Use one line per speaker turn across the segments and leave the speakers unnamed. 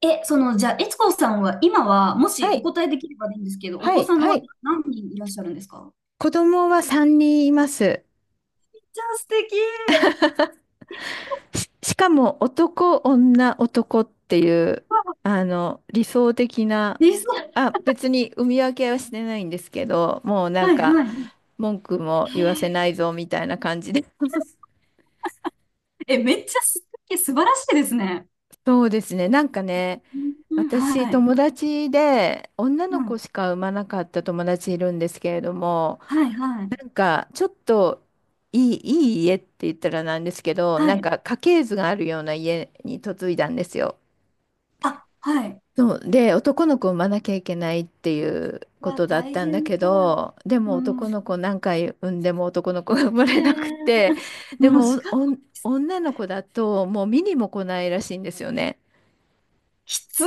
え、その、じゃあ、悦子さんは、今は、もし
は
お
い、
答えできればでいいんですけど、お
は
子
い、
さん
は
は
い。
何人いらっしゃるんですか？
子供は3人います。
じゃあ素敵。
しかも男、女、男っていう、
わあ。
理想的な。
小さ。
あ、別に産み分けはしてないんですけど、もうなん
はい
か、
はい。
文句も言わせないぞみたいな感じで。
めっちゃ素敵、素晴らしいですね。
そうですね、なんかね、
うんうん、
私、
はい。
友達で、女
う
の子
ん。
しか産まなかった友達いるんですけれども、
はいはい。
なんか、ちょっといい家って言ったらなんですけど、な
は
ん
い。
か家系図があるような家に嫁いだんですよ。
あ、はい。
そう、で、男の子を産まなきゃいけないっていうこ
わ、
とだっ
大
たんだ
変だ。
けど、でも
う
男
ん。
の子何回産んでも男の子が生まれなくて、で
もう仕
も
方。
おん女の子だともう見にも来ないらしいんですよね。
きつ。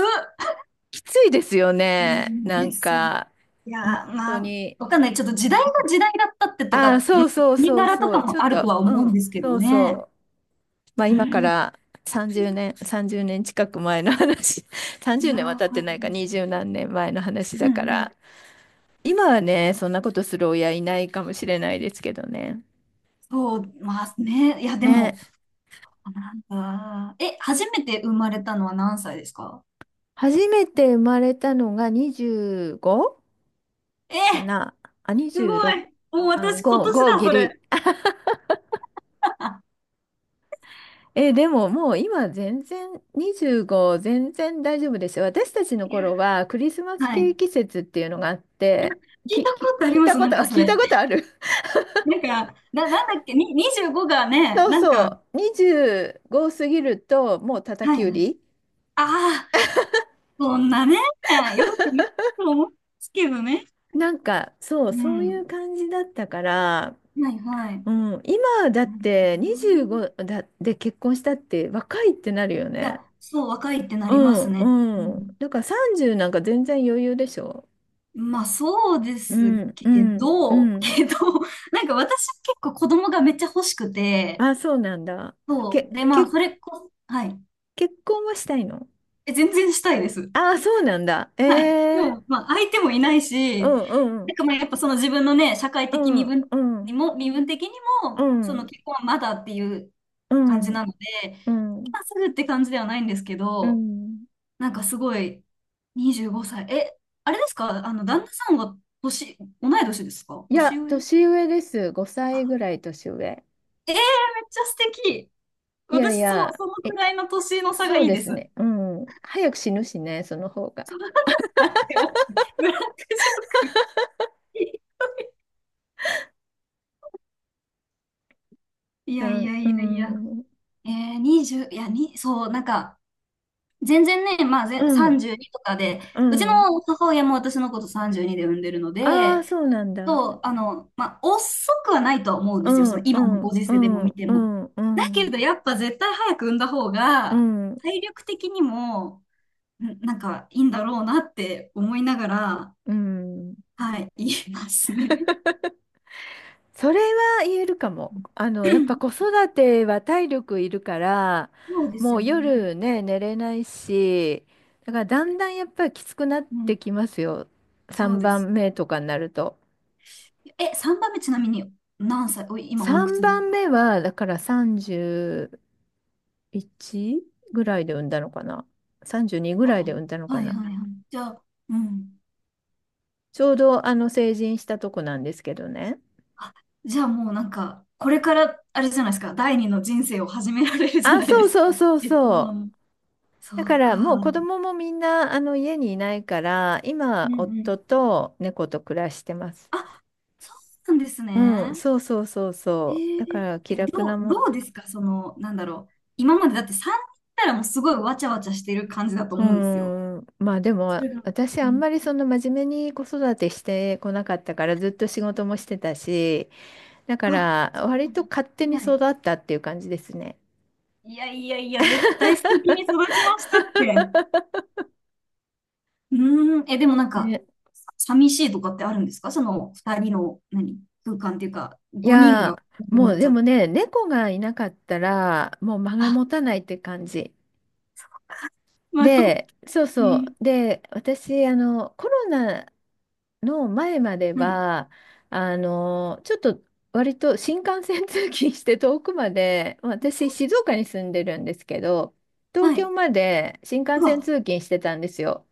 きついですよ
う
ね。な
ん、
ん
そう。
か、
いやー、
本
ま
当
あ、
に。
わかんない。ちょっと時代が時代だったってと
ああ、
か、う
そ
ん。
うそう
国
そう
柄と
そ
か
う。ちょ
も
っ
あると
と、
は
う
思うん
ん、
ですけ
そ
ど
う
ね。
そう。まあ
う
今か
ん。
ら30年近く前の話、
い
30
やー、
年は
は
経ってないか、
い。
20何年前の話
う
だ
ん
か
うん。
ら、今はね、そんなことする親いないかもしれないですけどね。
そう、まあね。いや、でも、
ね、
なんか、初めて生まれたのは何歳ですか？
初めて生まれたのが 25? か
え、
なあ、
すごい。
26、
もう
あ、
私今
5、
年
5
だ、
ギ
そ
リ。
れ。
え、でももう今全然25全然大丈夫ですよ。私たちの頃はクリスマス
は
ケ
い。
ーキ節っていうのがあっ
あ、
て、
聞い
き、
た
き、
ことあり
聞い
ま
た
す、
こ
なん
と、あ
かそ
聞いた
れ。
ことある。
なんか、なんだっけ、に、25がね、
そう
なん
そ
か、
う、25過ぎるともう叩
はい
き
は
売
い。
り。
ああ、そんなね、よくないと思うんですけどね。
なんかそう、
う
そういう
ん。
感じだったから、
はいはい。
うん、今だっ
なるほ
て
どな。い
25だで結婚したって若いってなるよ
や、
ね。
そう、若いってな
う
りますね。う
んうん。
ん。
だから30なんか全然余裕でしょ。
まあ、そうで
う
す
ん
け
うんう
ど、
ん。
けど、なんか私結構子供がめっちゃ欲しくて、
あ、そうなんだ。
そう。
け、
で、ま
け、
あ、それこ、はい。
結婚はしたいの？
全然したいです。
あ、そうなんだ。え
はい。で
え、
も、まあ、相手もいない
う
し、
んう
なん
ん
かまあ、やっぱその自分のね、社会
う
的身
ん
分
う
に
ん
も、身分的に
う
も、その
ん
結婚はまだっていう
う
感じ
ん
なので、
うん。
今すぐって感じではないんですけ
う
ど、
ん。
なんかすごい、25歳。あれですか、あの、旦那さんは年、同い年ですか、
いや、
年上？
年上です。5
あ、
歳ぐらい年上。
めっちゃ素敵。
いやい
私、そう、
や、
そのく
え、
らいの年の差が
そう
いい
で
で
す
す。
ね。うん。早く死ぬしね、その方が。
そんな、待って待って、ブラックジョーク。い
う
やい
ん、
や
う
いやいや。
ん、
20、いや、に、そう、なんか、全然ね、まあ、
う
ぜ、
ん、
32とかで、
う
うち
ん。
の母親も私のこと32で産んでるの
ああ、
で、
そうなんだ。
そう、あの、まあ、遅くはないとは思うんで
う
すよ。その
ん、う
今のご
ん、
時
う
世でも
ん、
見て
う
も。
ん、う
だけ
ん、
ど、やっぱ絶対早く産んだ方
う
が、
ん、
体力的にも、なんか、いいんだろうなって思いながら、
うん。
はい、言いますね。
それは言えるかも。あの、やっぱ子 育ては体力いるから、
そうです
も
よ
う
ね。
夜ね、寝れないし、だからだんだんやっぱりきつくなっ
う
て
ん、
きますよ。
そう
3
です。
番目とかになると。
3番目ちなみに何歳、おい、今おいく
3
つです
番
か？
目は、だから31ぐらいで産んだのかな。32ぐらいで産んだのか
はい
な。
はいはい。じゃあ、うん。
ちょうどあの成人したとこなんですけどね。
あ、じゃあもうなんか、これから、あれじゃないですか、第二の人生を始められるじゃ
あ、
ないで
そう
すか。
そうそう
えっと、
そ
その、
う。
そ
だか
う
ら
か。
もう子供もみんなあの家にいないから
う
今
んう
夫
ん。
と猫と暮らしてます。
あ、そうなんです
うん、
ね。
そうそうそう
え
そう。だか
ー
ら気
え、
楽
ど、
な
う
もん。
どうですか、その、なんだろう今までだって3人いたらもうすごいわちゃわちゃしてる感じだと
う
思うんですよ。
ん、まあで
そ
も
れが、
私
う
あん
ん。
まりその真面目に子育てしてこなかったからずっと仕事もしてたし、だか
あ、
ら割と勝手に
は
育
い。
ったっていう感じですね。
いやいやいや、絶対素敵に育ちましたって。うーん、え、でもなんか、
ね、
寂しいとかってあるんですか、その二人の、何、空間っていうか、
い
五人
や
が
ー、
に
もう
なっち
で
ゃった。
もね、猫がいなかったらもう間が
あ、
持たないって感じ。
まあ、でも
で、そう
う
そ
ん、
う。で、私、あの、コロナの前まで
はい、
は、あの、ちょっと割と新幹線通勤して遠くまで、まあ私、静岡に住んでるんですけど、東
はい。
京まで新
う
幹線
わ、
通勤してたんですよ。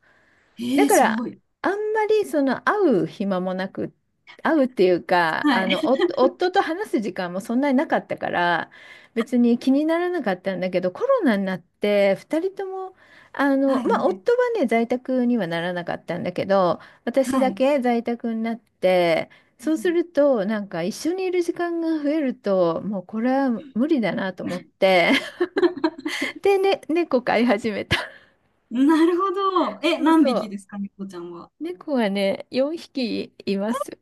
だ
ええ
か
すご
ら、
い。
あんまりその会う暇もなく、会うっていうか、
は
あ
い、
の、お夫と話す時間もそんなになかったから、別に気にならなかったんだけど、コロナになって、2人とも、あ の、
はい、は
まあ、夫はね、在宅にはならなかったんだけど、
い、
私
は
だ
い。
け在宅になって、
う
そうす
ん
ると、なんか一緒にいる時間が増えると、もうこれは無理だなと思って、で、ね、猫飼い始めた。
なるほど。え、
そう
何
そ
匹
う。
ですか、猫ちゃんは。
猫がね、4匹います。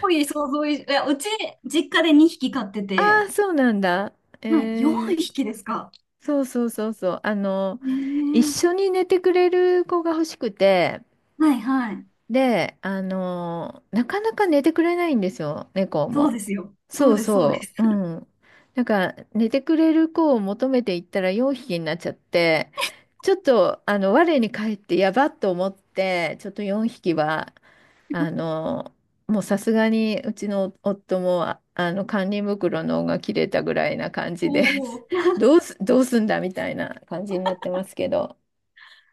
多ういう想像以上、いや、うち、実家で2匹飼って
あ
て、
あ、そうなんだ。え
はい、4
ー、
匹ですか。
そうそうそうそう。あの、
ね
一
え。
緒に寝てくれる子が欲しくて、
はい、はい。
で、あの、なかなか寝てくれないんですよ、猫
そう
も。
ですよ。そ
そ
う
う
です、そうで
そ
す。
う、う ん。なんか、寝てくれる子を求めていったら4匹になっちゃって、ちょっと、あの、我に返ってやばっと思って、ちょっと4匹はあの、もうさすがにうちの夫も、あ、あの、管理袋の緒が切れたぐらいな感
お
じで。
お。
どうすんだみたいな感じになってますけど、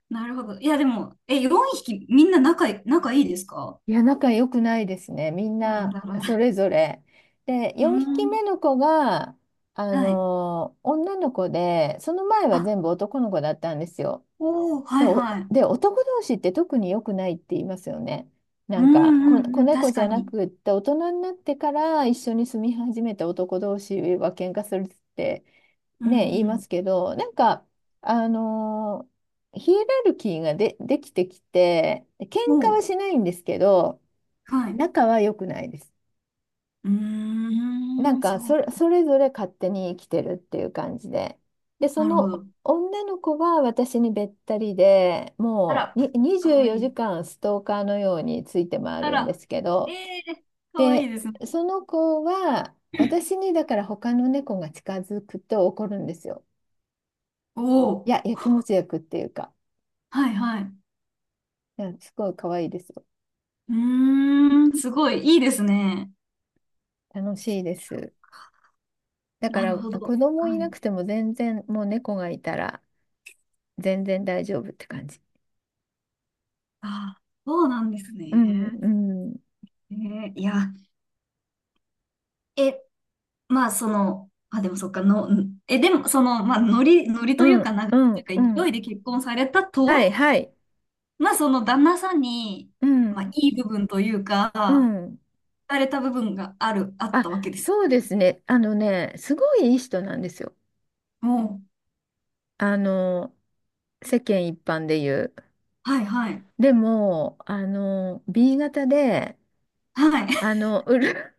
なるほど。いや、でも、え、4匹みんな仲い、仲いいですか？
いや、仲良くないですね。みん
なるほど、
な
なる
そ
ほど。
れぞれ。で、
うー
4匹
ん、
目の子が、あ
はい。
の、女の子で、その前は
あ、
全部男の子だったんですよ。
おー、は
で、
い、
お、
はい。
で、男同士って特に良くないって言いますよね。
う
な
ん
んか、こ、
うん
子
うん、
猫
確
じ
か
ゃな
に。
くって、大人になってから一緒に住み始めた男同士は喧嘩するって
う
ね、言いま
ん
すけど、なんか、あのーヒエラルキーができてきて、喧
うん。
嘩
お
は
ー、
しないんですけど、
はい。
仲は良くないです。
う
な
ー
ん
ん、そ
かそ
う。
れ、それぞれ勝手に生きてるっていう感じで。で、そ
なるほ
の
ど。
女の子は私にべったりで、
あ
も
ら、
うに
か
24
わい
時
い。
間ストーカーのようについて回
あ
るんで
ら、
すけ
え
ど、
ー、かわいい
で、
ですね。
その子は私にだから他の猫が近づくと怒るんですよ。
お
いや、
ー、
やきもち焼くっていうか、
はいはい。
いや、すごい可愛いですよ。
うーん、すごい、いいですね。
楽しいです。だか
なる
ら
ほど。
子供
は
い
い。
なくても全然もう猫がいたら全然大丈夫って感じ。
あー、そうなんです
うん
ね。
うん。
えーいや、え、まあ、その、あ、でもそっか、の、んえ、でも、その、まあ、ノリ
う
というか、
ん、
流れ
うん、
とい
う
うか、勢
ん。
いで結婚されたとは、
はい、はい。
まあ、その旦那さんに、
う
まあ、
ん、
いい部分というか、
う
惹
ん。
かれた部分がある、あっ
あ、
たわけです
そう
よね。
ですね。あのね、すごいいい人なんですよ。
も
あの、世間一般で言う。
う、はい、はい、
でも、あの、B 型で、
はい、
あの、うる、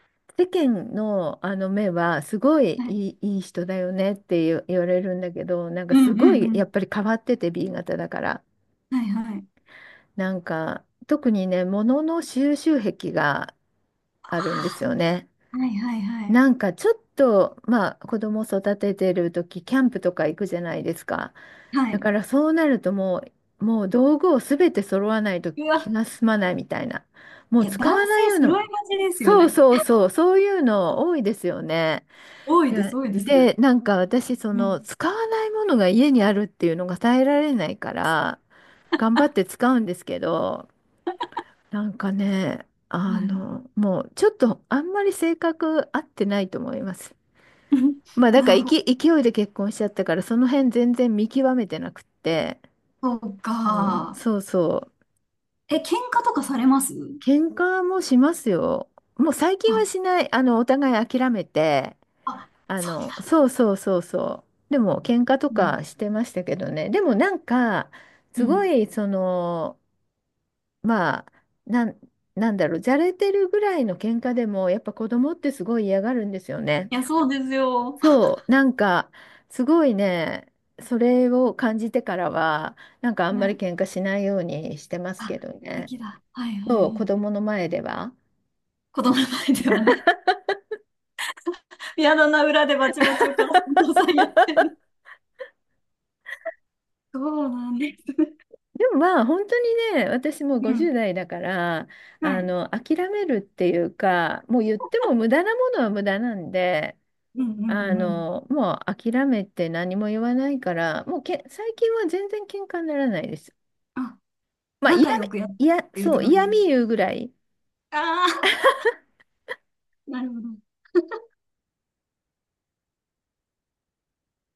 世間の、あの目は、すごい
はい、
いい人だよねって言われるんだけど、なん
う
か
ん、
す
う
ご
ん、う
い、や
ん、
っぱり変わってて B 型だから。
はい、はい、
なんか、特にね、物の収集癖があるんですよね。
はい、はい、はい、
なんかちょっと、まあ子供育ててる時、キャンプとか行くじゃないですか。
は
だ
い。
からそうなるともう道具をすべて揃わないと
う
気
わ、
が済まないみたいな。も
い
う
や、
使
男
わ
性
ないような、
揃いがちですよ
そう
ね。
そうそう、そういうの多いですよね。
多いです、
で、
多いで
で、
す。
なんか私、そ
う
の
ん、
使わないものが家にあるっていうのが耐えられないから、頑張って使うんですけど、なんかね、
は
あ
い。
の、もうちょっとあんまり性格合ってないと思います。まあだ
な
から
るほ
勢い勢いで結婚しちゃったからその辺全然見極めてなくって、
ど、そう
うん、
か。
そうそう。
喧嘩とかされます
喧嘩もしますよ。もう最近
あ
はしない。あのお互い諦めて、
あ、
あ
そん
の
な。
そうそうそうそう。でも喧嘩と
うん
かしてましたけどね。でもなんか
う
すご
ん。
い、そのまあ、なん、なんだろう、じゃれてるぐらいの喧嘩でもやっぱ子供ってすごい嫌がるんですよね。
いや、そうですよ。
そう、なんか、すごいね、それを感じてからは、なんかあん
は
まり
い。
喧嘩しないようにしてます
あ、素
けどね。
敵だ。はいはいは
そう、子
い。
供の前では。
子供の前ではね、ピアノの裏でバチバチお母さんお父さんやってる。そうなんですね
でもまあ、本当にね、私もう
う
50
ん。
代だから、あ
はい。
の、諦めるっていうか、もう言っても無駄なものは無駄なんで、
うんう
あ
んうん。
の、もう諦めて何も言わないから、もうけ、最近は全然喧嘩にならないです。
あ、
まあ、嫌
仲良
み、
くやっ
嫌、
てるっ
そ
て
う、
感
嫌
じです
味
か。
言うぐらい。
ああー、なるほど。